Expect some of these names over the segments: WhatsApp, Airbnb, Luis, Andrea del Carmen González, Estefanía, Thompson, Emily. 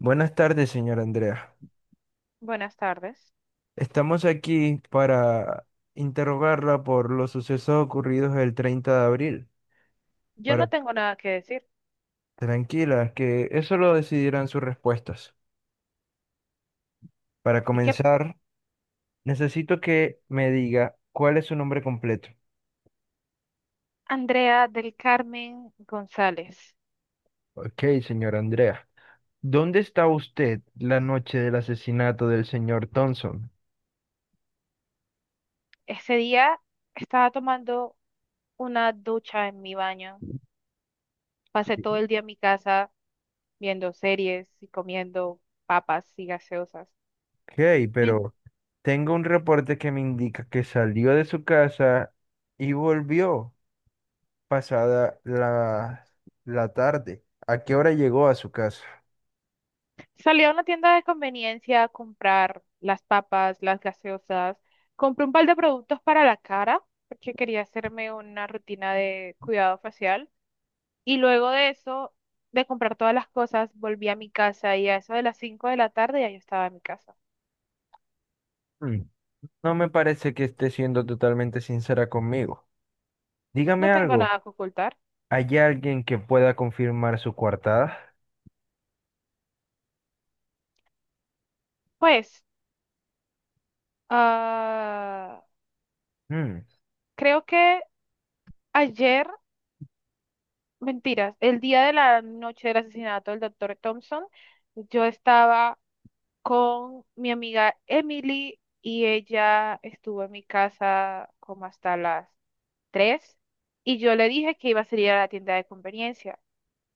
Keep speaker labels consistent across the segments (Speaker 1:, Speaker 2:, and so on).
Speaker 1: Buenas tardes, señora Andrea.
Speaker 2: Buenas tardes.
Speaker 1: Estamos aquí para interrogarla por los sucesos ocurridos el 30 de abril.
Speaker 2: Yo
Speaker 1: Para
Speaker 2: no tengo nada que decir.
Speaker 1: tranquila, que eso lo decidirán sus respuestas. Para
Speaker 2: ¿Y qué?
Speaker 1: comenzar, necesito que me diga cuál es su nombre completo.
Speaker 2: Andrea del Carmen González.
Speaker 1: Ok, señora Andrea. ¿Dónde está usted la noche del asesinato del señor Thompson?
Speaker 2: Ese día estaba tomando una ducha en mi baño. Pasé todo
Speaker 1: Sí.
Speaker 2: el día en mi casa viendo series y comiendo papas y gaseosas.
Speaker 1: Ok,
Speaker 2: Me-
Speaker 1: pero tengo un reporte que me indica que salió de su casa y volvió pasada la tarde. ¿A qué hora llegó a su casa?
Speaker 2: Salí a una tienda de conveniencia a comprar las papas, las gaseosas. Compré un par de productos para la cara porque quería hacerme una rutina de cuidado facial. Y luego de eso, de comprar todas las cosas, volví a mi casa y a eso de las 5 de la tarde ya yo estaba en mi casa.
Speaker 1: Mm, No me parece que esté siendo totalmente sincera conmigo. Dígame
Speaker 2: No tengo
Speaker 1: algo.
Speaker 2: nada que ocultar.
Speaker 1: ¿Hay alguien que pueda confirmar su coartada?
Speaker 2: Pues, ah,
Speaker 1: Mm.
Speaker 2: creo que ayer, mentiras, el día de la noche del asesinato del doctor Thompson, yo estaba con mi amiga Emily y ella estuvo en mi casa como hasta las 3 y yo le dije que iba a salir a la tienda de conveniencia,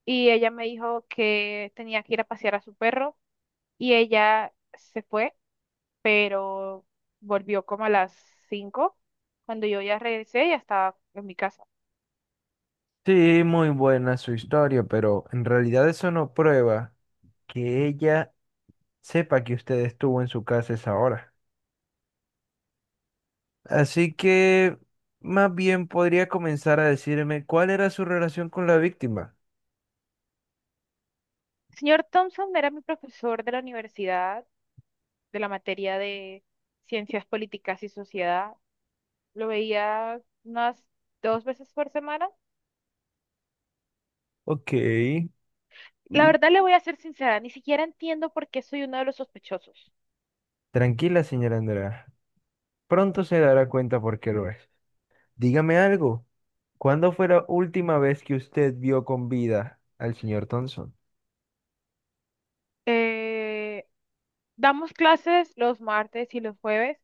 Speaker 2: y ella me dijo que tenía que ir a pasear a su perro y ella se fue, pero volvió como a las 5. Cuando yo ya regresé, ya estaba en mi casa.
Speaker 1: Sí, muy buena su historia, pero en realidad eso no prueba que ella sepa que usted estuvo en su casa a esa hora. Así que más bien podría comenzar a decirme cuál era su relación con la víctima.
Speaker 2: El señor Thompson era mi profesor de la universidad, de la materia de ciencias políticas y sociedad. Lo veía unas 2 veces por semana.
Speaker 1: Ok.
Speaker 2: La verdad le voy a ser sincera, ni siquiera entiendo por qué soy uno de los sospechosos.
Speaker 1: Tranquila, señora Andrea. Pronto se dará cuenta por qué lo es. Dígame algo. ¿Cuándo fue la última vez que usted vio con vida al señor Thompson?
Speaker 2: Eh, damos clases los martes y los jueves,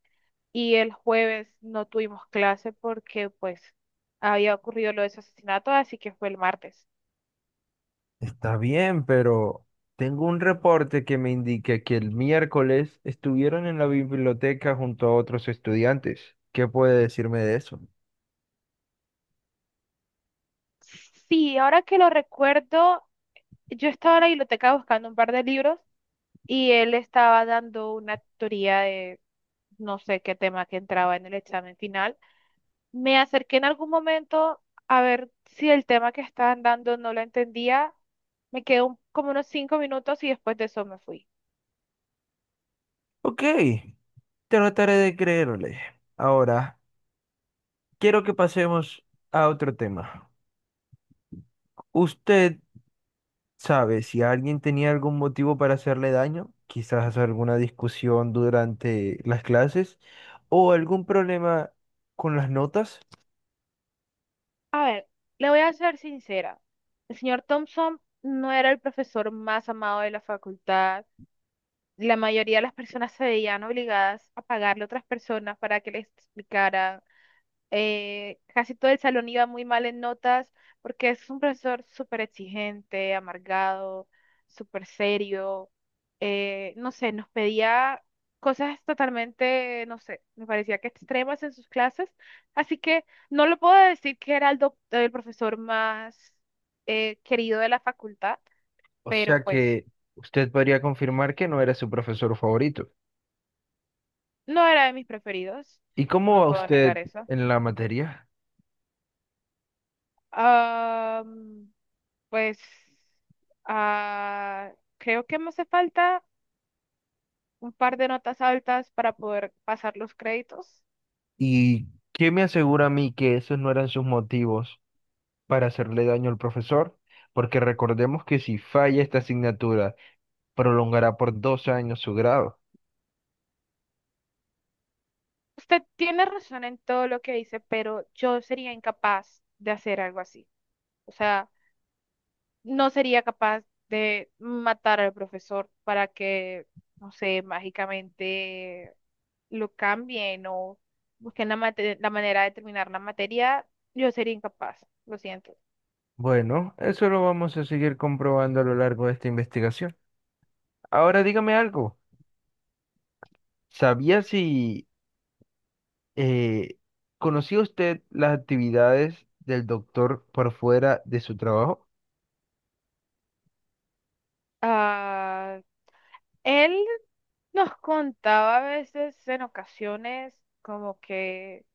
Speaker 2: y el jueves no tuvimos clase porque pues había ocurrido lo de ese asesinato, así que fue el martes.
Speaker 1: Está bien, pero tengo un reporte que me indica que el miércoles estuvieron en la biblioteca junto a otros estudiantes. ¿Qué puede decirme de eso?
Speaker 2: Sí, ahora que lo recuerdo, yo estaba en la biblioteca buscando un par de libros y él estaba dando una teoría de no sé qué tema que entraba en el examen final. Me acerqué en algún momento a ver si el tema que estaban dando no lo entendía. Me quedó como unos 5 minutos y después de eso me fui.
Speaker 1: Ok, trataré de creerle. Ahora, quiero que pasemos a otro tema. Usted sabes, si alguien tenía algún motivo para hacerle daño, quizás alguna discusión durante las clases o algún problema con las notas,
Speaker 2: A ver, le voy a ser sincera. El señor Thompson no era el profesor más amado de la facultad. La mayoría de las personas se veían obligadas a pagarle a otras personas para que les explicara, casi todo el salón iba muy mal en notas porque es un profesor súper exigente, amargado, súper serio. No sé, nos pedía cosas totalmente, no sé, me parecía que extremas en sus clases. Así que no lo puedo decir que era el profesor más querido de la facultad,
Speaker 1: o
Speaker 2: pero
Speaker 1: sea
Speaker 2: pues
Speaker 1: que usted podría confirmar que no era su profesor favorito.
Speaker 2: no era de mis preferidos.
Speaker 1: ¿Y cómo
Speaker 2: No
Speaker 1: va
Speaker 2: puedo
Speaker 1: usted
Speaker 2: negar eso.
Speaker 1: en la materia?
Speaker 2: Ah, Pues ah, Creo que me hace falta un par de notas altas para poder pasar los créditos.
Speaker 1: ¿Y qué me asegura a mí que esos no eran sus motivos para hacerle daño al profesor? Porque recordemos que si falla esta asignatura, prolongará por 2 años su grado.
Speaker 2: Usted tiene razón en todo lo que dice, pero yo sería incapaz de hacer algo así. O sea, no sería capaz de matar al profesor para que, no sé, mágicamente lo cambien o busquen la manera de terminar la materia. Yo sería incapaz, lo siento.
Speaker 1: Bueno, eso lo vamos a seguir comprobando a lo largo de esta investigación. Ahora dígame algo. ¿Sabía si eh, conocía usted las actividades del doctor por fuera de su trabajo?
Speaker 2: Ah, Él nos contaba a veces en ocasiones como que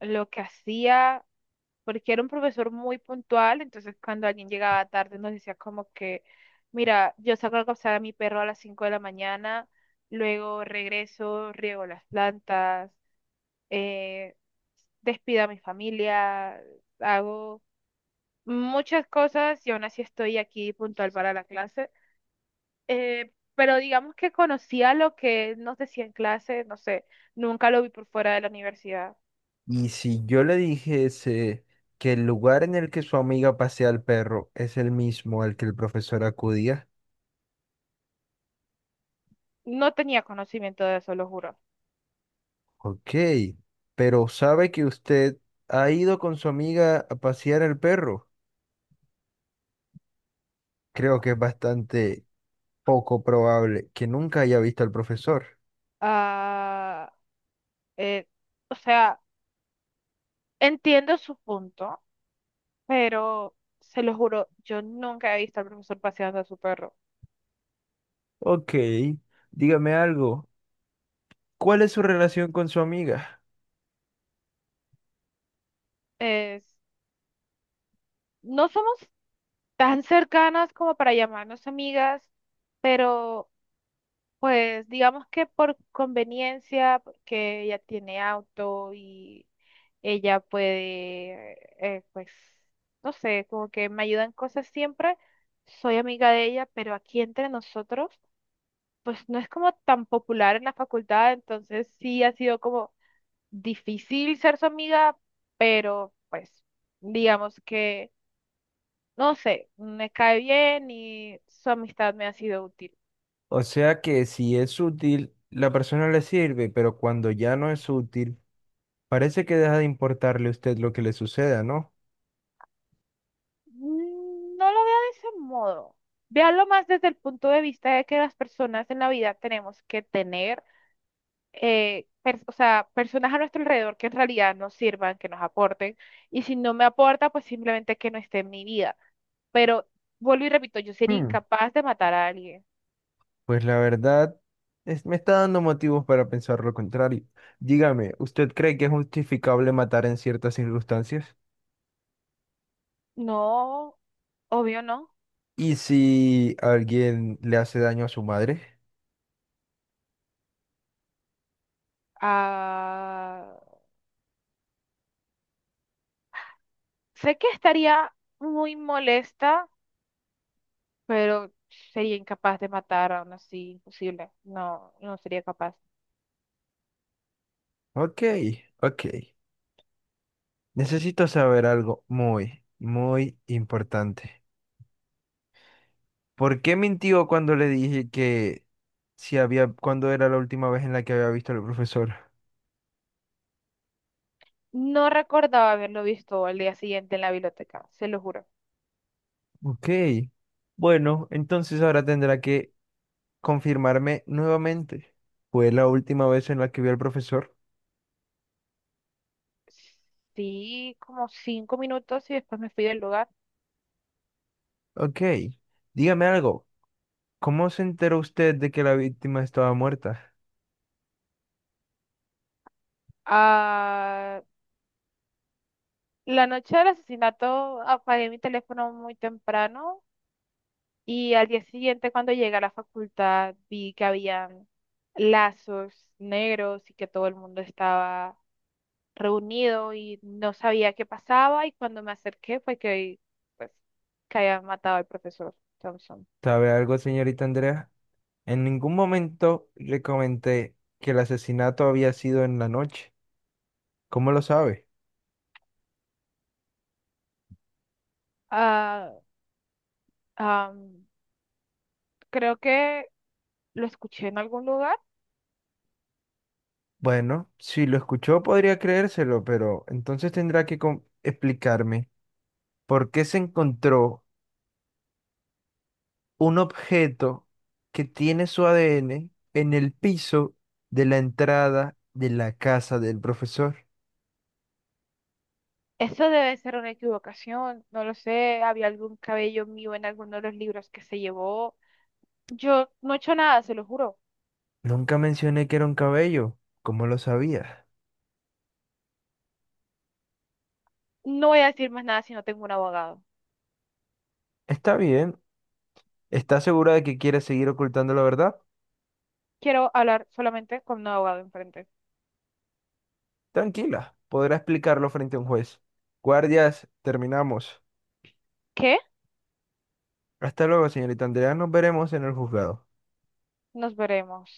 Speaker 2: lo que hacía, porque era un profesor muy puntual, entonces cuando alguien llegaba tarde nos decía como que, mira, yo saco a cazar a mi perro a las 5 de la mañana, luego regreso, riego las plantas, eh, despido a mi familia, hago muchas cosas y aún así estoy aquí puntual para la clase. Pero digamos que conocía lo que nos decía en clase, no sé, nunca lo vi por fuera de la universidad.
Speaker 1: Y si yo le dijese que el lugar en el que su amiga pasea al perro es el mismo al que el profesor acudía,
Speaker 2: No tenía conocimiento de eso, lo juro.
Speaker 1: ok, pero ¿sabe que usted ha ido con su amiga a pasear al perro? Creo que es bastante poco probable que nunca haya visto al profesor.
Speaker 2: Ah, eh, o sea, entiendo su punto, pero se lo juro, yo nunca he visto al profesor paseando a su perro.
Speaker 1: Ok, dígame algo. ¿Cuál es su relación con su amiga?
Speaker 2: Es, no somos tan cercanas como para llamarnos amigas, pero pues digamos que por conveniencia, porque ella tiene auto y ella puede, pues, no sé, como que me ayuda en cosas siempre. Soy amiga de ella, pero aquí entre nosotros, pues no es como tan popular en la facultad, entonces sí ha sido como difícil ser su amiga, pero pues digamos que, no sé, me cae bien y su amistad me ha sido útil.
Speaker 1: O sea que si es útil, la persona le sirve, pero cuando ya no es útil, parece que deja de importarle a usted lo que le suceda, ¿no?
Speaker 2: No lo veo de ese modo. Véalo más desde el punto de vista de que las personas en la vida tenemos que tener, o sea, personas a nuestro alrededor que en realidad nos sirvan, que nos aporten. Y si no me aporta, pues simplemente que no esté en mi vida. Pero vuelvo y repito, yo sería
Speaker 1: Hmm,
Speaker 2: incapaz de matar a alguien.
Speaker 1: pues la verdad, me está dando motivos para pensar lo contrario. Dígame, ¿usted cree que es justificable matar en ciertas circunstancias?
Speaker 2: No, obvio no.
Speaker 1: ¿Y si alguien le hace daño a su madre?
Speaker 2: Ah, Sé que estaría muy molesta, pero sería incapaz de matar aún así, imposible. No, no sería capaz.
Speaker 1: Ok, ok. Necesito saber algo muy, muy importante. ¿Por qué mintió cuando le dije que si había, cuándo era la última vez en la que había visto al profesor?
Speaker 2: No recordaba haberlo visto al día siguiente en la biblioteca, se lo juro.
Speaker 1: Ok. Bueno, entonces ahora tendrá que confirmarme nuevamente. ¿Fue la última vez en la que vio al profesor?
Speaker 2: Sí, como 5 minutos y después me fui del lugar.
Speaker 1: Ok. Dígame algo. ¿Cómo se enteró usted de que la víctima estaba muerta?
Speaker 2: Ah, la noche del asesinato apagué mi teléfono muy temprano y al día siguiente cuando llegué a la facultad vi que había lazos negros y que todo el mundo estaba reunido y no sabía qué pasaba y cuando me acerqué fue que pues que habían matado al profesor Thompson.
Speaker 1: ¿Sabe algo, señorita Andrea? En ningún momento le comenté que el asesinato había sido en la noche. ¿Cómo lo sabe?
Speaker 2: Ah, am, Creo que lo escuché en algún lugar.
Speaker 1: Bueno, si lo escuchó podría creérselo, pero entonces tendrá que explicarme por qué se encontró un objeto que tiene su ADN en el piso de la entrada de la casa del profesor.
Speaker 2: Eso debe ser una equivocación, no lo sé, había algún cabello mío en alguno de los libros que se llevó. Yo no he hecho nada, se lo juro.
Speaker 1: Nunca mencioné que era un cabello. ¿Cómo lo sabías?
Speaker 2: No voy a decir más nada si no tengo un abogado.
Speaker 1: Está bien. ¿Está segura de que quiere seguir ocultando la verdad?
Speaker 2: Quiero hablar solamente con un abogado enfrente.
Speaker 1: Tranquila, podrá explicarlo frente a un juez. Guardias, terminamos.
Speaker 2: ¿Qué?
Speaker 1: Hasta luego, señorita Andrea. Nos veremos en el juzgado.
Speaker 2: Nos veremos.